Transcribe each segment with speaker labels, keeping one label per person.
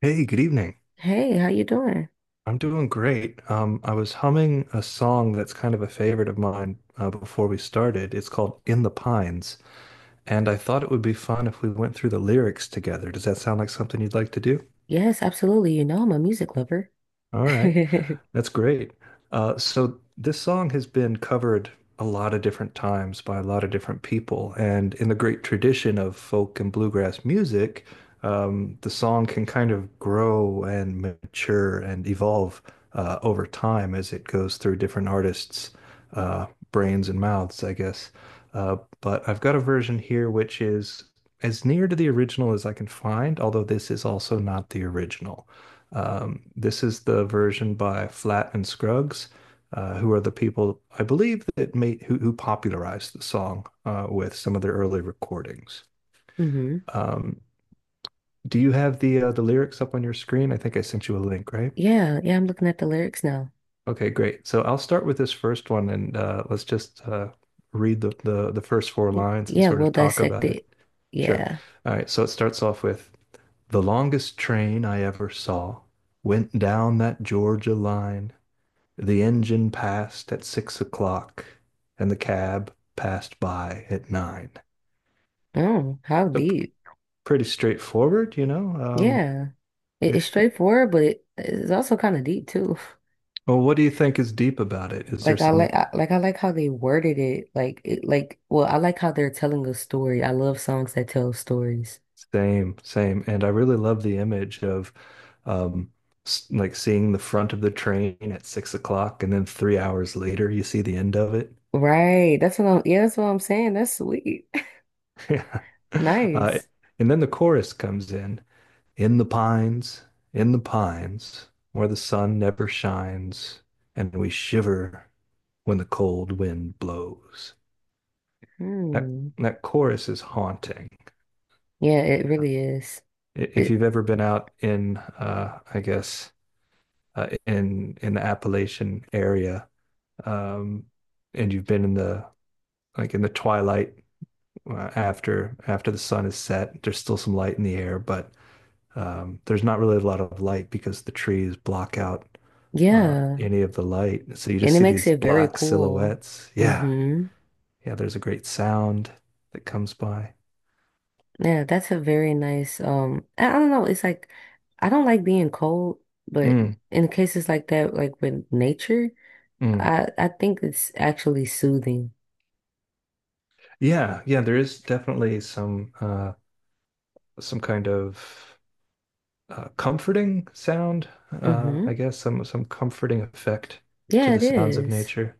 Speaker 1: Hey, good evening.
Speaker 2: Hey, how you doing?
Speaker 1: I'm doing great. I was humming a song that's kind of a favorite of mine before we started. It's called In the Pines, and I thought it would be fun if we went through the lyrics together. Does that sound like something you'd like to do?
Speaker 2: Yes, absolutely. You know I'm a music lover.
Speaker 1: All right. That's great. So this song has been covered a lot of different times by a lot of different people, and in the great tradition of folk and bluegrass music, the song can kind of grow and mature and evolve over time as it goes through different artists' brains and mouths, I guess. But I've got a version here which is as near to the original as I can find, although this is also not the original. This is the version by Flat and Scruggs, who are the people I believe that who popularized the song with some of their early recordings.
Speaker 2: hmm
Speaker 1: Um, do you have the lyrics up on your screen? I think I sent you a link, right?
Speaker 2: Yeah, yeah, I'm looking at the lyrics now.
Speaker 1: Okay, great. So I'll start with this first one, and let's just read the first four
Speaker 2: Y-
Speaker 1: lines and
Speaker 2: Yeah,
Speaker 1: sort
Speaker 2: we'll
Speaker 1: of talk
Speaker 2: dissect
Speaker 1: about it.
Speaker 2: it.
Speaker 1: Sure.
Speaker 2: Yeah.
Speaker 1: All right. So it starts off with the longest train I ever saw went down that Georgia line. The engine passed at 6 o'clock, and the cab passed by at nine.
Speaker 2: Oh, how
Speaker 1: So
Speaker 2: deep.
Speaker 1: pretty straightforward.
Speaker 2: Yeah. It's
Speaker 1: It, it-
Speaker 2: straightforward, but it's also kind of deep too.
Speaker 1: well, what do you think is deep about it? Is there some
Speaker 2: Like how they worded it. I like how they're telling a story. I love songs that tell stories.
Speaker 1: same, same? And I really love the image of um, like seeing the front of the train at 6 o'clock, and then 3 hours later you see the end of it.
Speaker 2: Right. That's what I'm saying. That's sweet.
Speaker 1: Yeah. Uh,
Speaker 2: Nice.
Speaker 1: and then the chorus comes in. In the pines, in the pines, where the sun never shines, and we shiver when the cold wind blows. That
Speaker 2: Hmm.
Speaker 1: that chorus is haunting.
Speaker 2: Yeah, it really is.
Speaker 1: If
Speaker 2: It,
Speaker 1: you've ever been out in, I guess, in the Appalachian area, um, and you've been in the like in the twilight after the sun has set, there's still some light in the air, but there's not really a lot of light because the trees block out
Speaker 2: yeah,
Speaker 1: any of the light. So you
Speaker 2: and
Speaker 1: just
Speaker 2: it
Speaker 1: see
Speaker 2: makes
Speaker 1: these
Speaker 2: it very
Speaker 1: black
Speaker 2: cool.
Speaker 1: silhouettes. Yeah.
Speaker 2: hmm
Speaker 1: Yeah. There's a great sound that comes by.
Speaker 2: Yeah, that's a very nice. I don't know. It's like I don't like being cold, but
Speaker 1: Mm,
Speaker 2: in cases like that, like with nature,
Speaker 1: mm.
Speaker 2: I think it's actually soothing.
Speaker 1: Yeah. Yeah. There is definitely some kind of comforting sound, I
Speaker 2: Hmm
Speaker 1: guess, some comforting effect to
Speaker 2: Yeah,
Speaker 1: the
Speaker 2: it
Speaker 1: sounds of
Speaker 2: is.
Speaker 1: nature.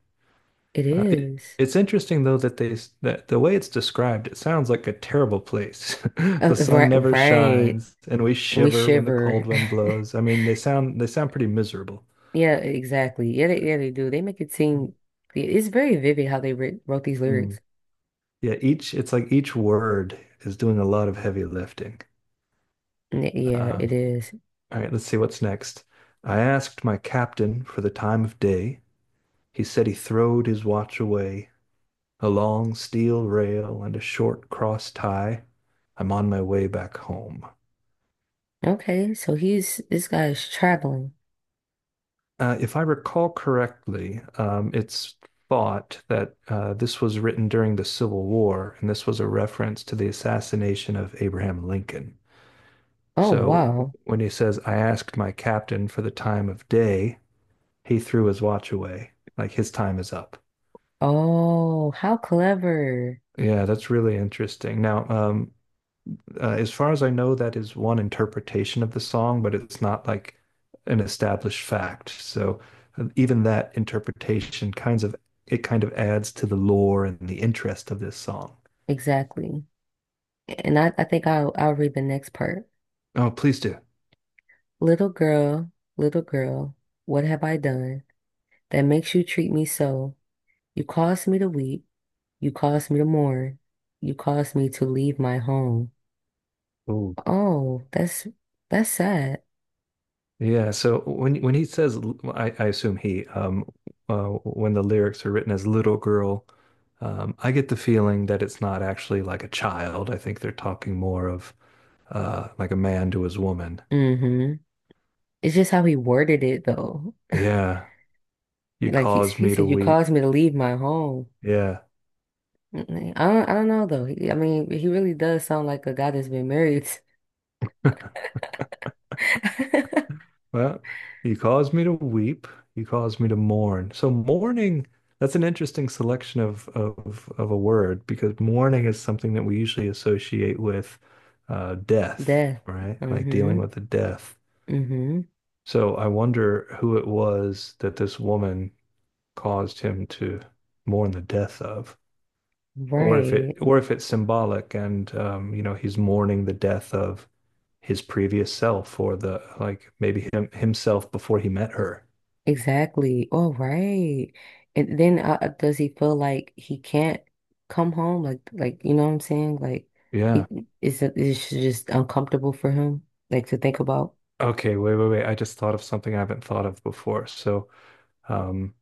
Speaker 2: It
Speaker 1: Uh, it
Speaker 2: is.
Speaker 1: it's interesting though that the way it's described, it sounds like a terrible place. The sun
Speaker 2: Right,
Speaker 1: never
Speaker 2: right.
Speaker 1: shines, and we
Speaker 2: We
Speaker 1: shiver when the cold
Speaker 2: shiver.
Speaker 1: wind blows. I mean, they sound pretty miserable.
Speaker 2: Yeah, exactly. Yeah, they do. They make it seem yeah, it's very vivid how they writ wrote these lyrics.
Speaker 1: Mm. Yeah, each it's like each word is doing a lot of heavy lifting.
Speaker 2: Yeah,
Speaker 1: Uh,
Speaker 2: it is.
Speaker 1: all right, let's see what's next. I asked my captain for the time of day. He said he throwed his watch away, a long steel rail and a short cross tie. I'm on my way back home.
Speaker 2: Okay, so he's this guy's traveling.
Speaker 1: If I recall correctly, it's thought that this was written during the Civil War, and this was a reference to the assassination of Abraham Lincoln.
Speaker 2: Oh,
Speaker 1: So
Speaker 2: wow.
Speaker 1: when he says, I asked my captain for the time of day, he threw his watch away, like his time is up.
Speaker 2: Oh, how clever.
Speaker 1: Yeah, that's really interesting. Now, as far as I know, that is one interpretation of the song, but it's not like an established fact. So even that interpretation kinds of it kind of adds to the lore and the interest of this song.
Speaker 2: Exactly. And I think I'll read the next part.
Speaker 1: Oh, please do.
Speaker 2: Little girl, what have I done that makes you treat me so? You caused me to weep. You caused me to mourn. You caused me to leave my home.
Speaker 1: Ooh.
Speaker 2: Oh, that's sad.
Speaker 1: Yeah, so when he says, I assume when the lyrics are written as little girl, I get the feeling that it's not actually like a child. I think they're talking more of like a man to his woman.
Speaker 2: Mm-hmm. It's just how he worded it though.
Speaker 1: Yeah, you
Speaker 2: Like he
Speaker 1: caused
Speaker 2: he
Speaker 1: me to
Speaker 2: said, you
Speaker 1: weep.
Speaker 2: caused me to leave my home.
Speaker 1: Yeah.
Speaker 2: Mm, I don't know though. I mean, he really does sound like a guy that's been married.
Speaker 1: Well, you caused me to weep. You caused me to mourn. So mourning, that's an interesting selection of a word because mourning is something that we usually associate with death,
Speaker 2: Death.
Speaker 1: right? Like dealing
Speaker 2: Mm-hmm.
Speaker 1: with the death.
Speaker 2: Mm-hmm.
Speaker 1: So I wonder who it was that this woman caused him to mourn the death of, or if it
Speaker 2: Right.
Speaker 1: or if it's symbolic and he's mourning the death of his previous self or the like maybe him himself before he met her.
Speaker 2: Exactly. All right. And then does he feel like he can't come home? Like you know what I'm saying? Like,
Speaker 1: Yeah.
Speaker 2: he is it just uncomfortable for him, like to think about.
Speaker 1: Okay, wait, wait, wait. I just thought of something I haven't thought of before. Um,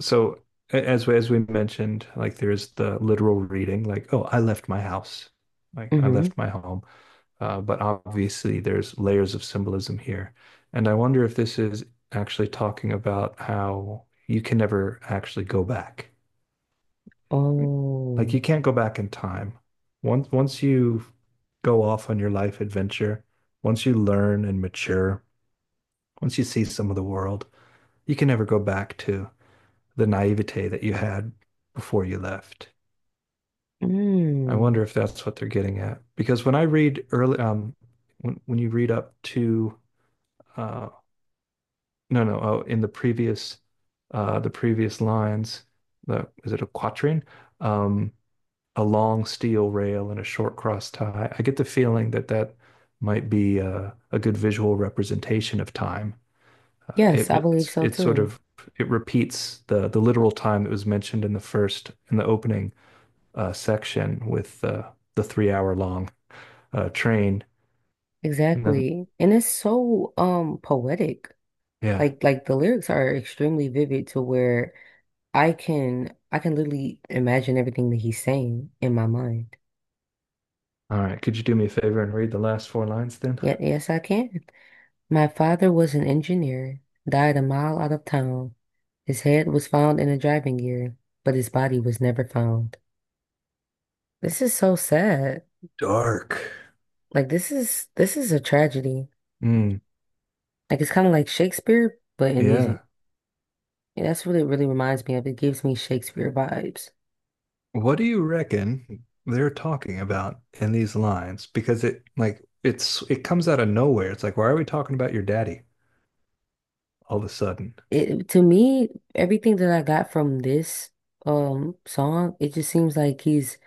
Speaker 1: So as we mentioned, like there is the literal reading, like, oh, I left my house, like I
Speaker 2: Mm-hmm.
Speaker 1: left my home. But obviously there's layers of symbolism here. And I wonder if this is actually talking about how you can never actually go back. Like
Speaker 2: Oh.
Speaker 1: you can't go back in time. Once you go off on your life adventure, once you learn and mature, once you see some of the world, you can never go back to the naivete that you had before you left. I
Speaker 2: Mm.
Speaker 1: wonder if that's what they're getting at. Because when you read up to uh, no no oh in the previous lines, the is it a quatrain? Um, a long steel rail and a short cross tie. I get the feeling that that might be a good visual representation of time. It,
Speaker 2: Yes, I believe so
Speaker 1: it's sort
Speaker 2: too.
Speaker 1: of It repeats the literal time that was mentioned in the opening section with the 3-hour long train. And then,
Speaker 2: Exactly. And it's so poetic.
Speaker 1: yeah.
Speaker 2: Like the lyrics are extremely vivid to where I can literally imagine everything that he's saying in my mind.
Speaker 1: All right. Could you do me a favor and read the last four lines then?
Speaker 2: Yeah, yes, I can. My father was an engineer, died a mile out of town. His head was found in a driving gear, but his body was never found. This is so sad.
Speaker 1: Dark.
Speaker 2: Like this is a tragedy.
Speaker 1: Mm,
Speaker 2: Like it's kind of like Shakespeare, but in music.
Speaker 1: yeah.
Speaker 2: And that's what it really reminds me of. It gives me Shakespeare vibes.
Speaker 1: What do you reckon they're talking about in these lines? Because it like it's it comes out of nowhere. It's like, why are we talking about your daddy all of a sudden?
Speaker 2: It to me, everything that I got from this song, it just seems like he's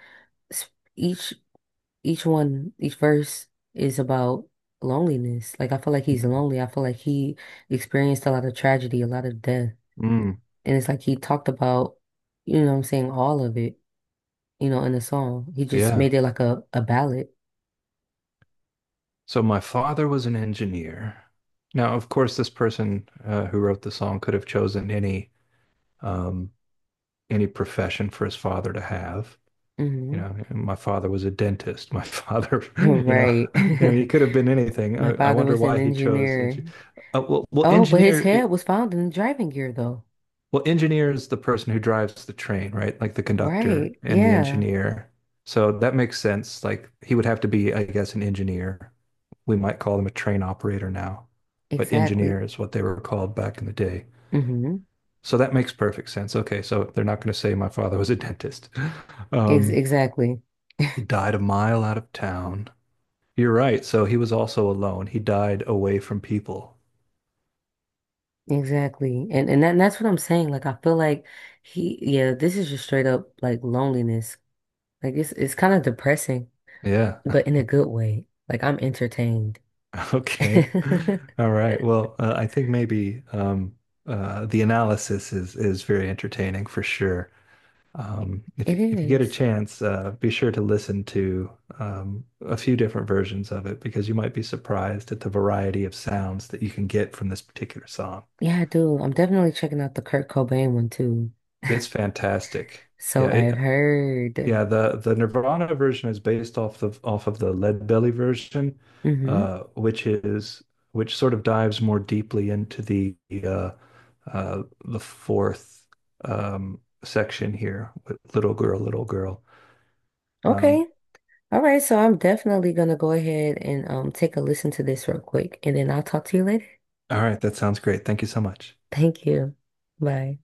Speaker 2: s- each each one, each verse is about loneliness. Like I feel like he's lonely. I feel like he experienced a lot of tragedy, a lot of death.
Speaker 1: Mm,
Speaker 2: And it's like he talked about, you know what I'm saying, all of it, you know, in the song. He just
Speaker 1: yeah.
Speaker 2: made it like a ballad.
Speaker 1: So my father was an engineer. Now, of course, this person who wrote the song could have chosen any um, any profession for his father to have. You
Speaker 2: Hmm
Speaker 1: know, my father was a dentist. My father,
Speaker 2: Right.
Speaker 1: I mean, he could have been anything.
Speaker 2: My
Speaker 1: I
Speaker 2: father
Speaker 1: wonder
Speaker 2: was an
Speaker 1: why he chose. Uh,
Speaker 2: engineer.
Speaker 1: well, well,
Speaker 2: Oh, but his
Speaker 1: engineer. eh,
Speaker 2: head was found in the driving gear though.
Speaker 1: Well, engineer is the person who drives the train, right? Like the conductor
Speaker 2: Right.
Speaker 1: and the
Speaker 2: Yeah.
Speaker 1: engineer. So that makes sense. Like he would have to be, I guess, an engineer. We might call them a train operator now, but
Speaker 2: Exactly.
Speaker 1: engineer is what they were called back in the day.
Speaker 2: hmm
Speaker 1: So that makes perfect sense. Okay, so they're not going to say my father was a dentist.
Speaker 2: Ex
Speaker 1: Um,
Speaker 2: exactly.
Speaker 1: He died a mile out of town. You're right. So he was also alone. He died away from people.
Speaker 2: Exactly. And and that's what I'm saying. Like I feel like he yeah, this is just straight up like loneliness. Like it's kind of depressing,
Speaker 1: Yeah.
Speaker 2: but in a good way. Like I'm entertained.
Speaker 1: Okay. All right. Well, I think maybe the analysis is very entertaining for sure. If
Speaker 2: It
Speaker 1: if you get a
Speaker 2: is.
Speaker 1: chance, be sure to listen to a few different versions of it because you might be surprised at the variety of sounds that you can get from this particular song.
Speaker 2: Yeah, I do. I'm definitely checking out the Kurt Cobain one too.
Speaker 1: It's fantastic.
Speaker 2: So
Speaker 1: Yeah,
Speaker 2: I've
Speaker 1: it,
Speaker 2: heard.
Speaker 1: Yeah, the Nirvana version is based off of the Leadbelly version,
Speaker 2: Hmm
Speaker 1: uh, which is which sort of dives more deeply into uh, the fourth section here with Little Girl, Little Girl. Um,
Speaker 2: Okay. All right, so I'm definitely gonna go ahead and take a listen to this real quick and then I'll talk to you later.
Speaker 1: all right, that sounds great. Thank you so much.
Speaker 2: Thank you. Bye.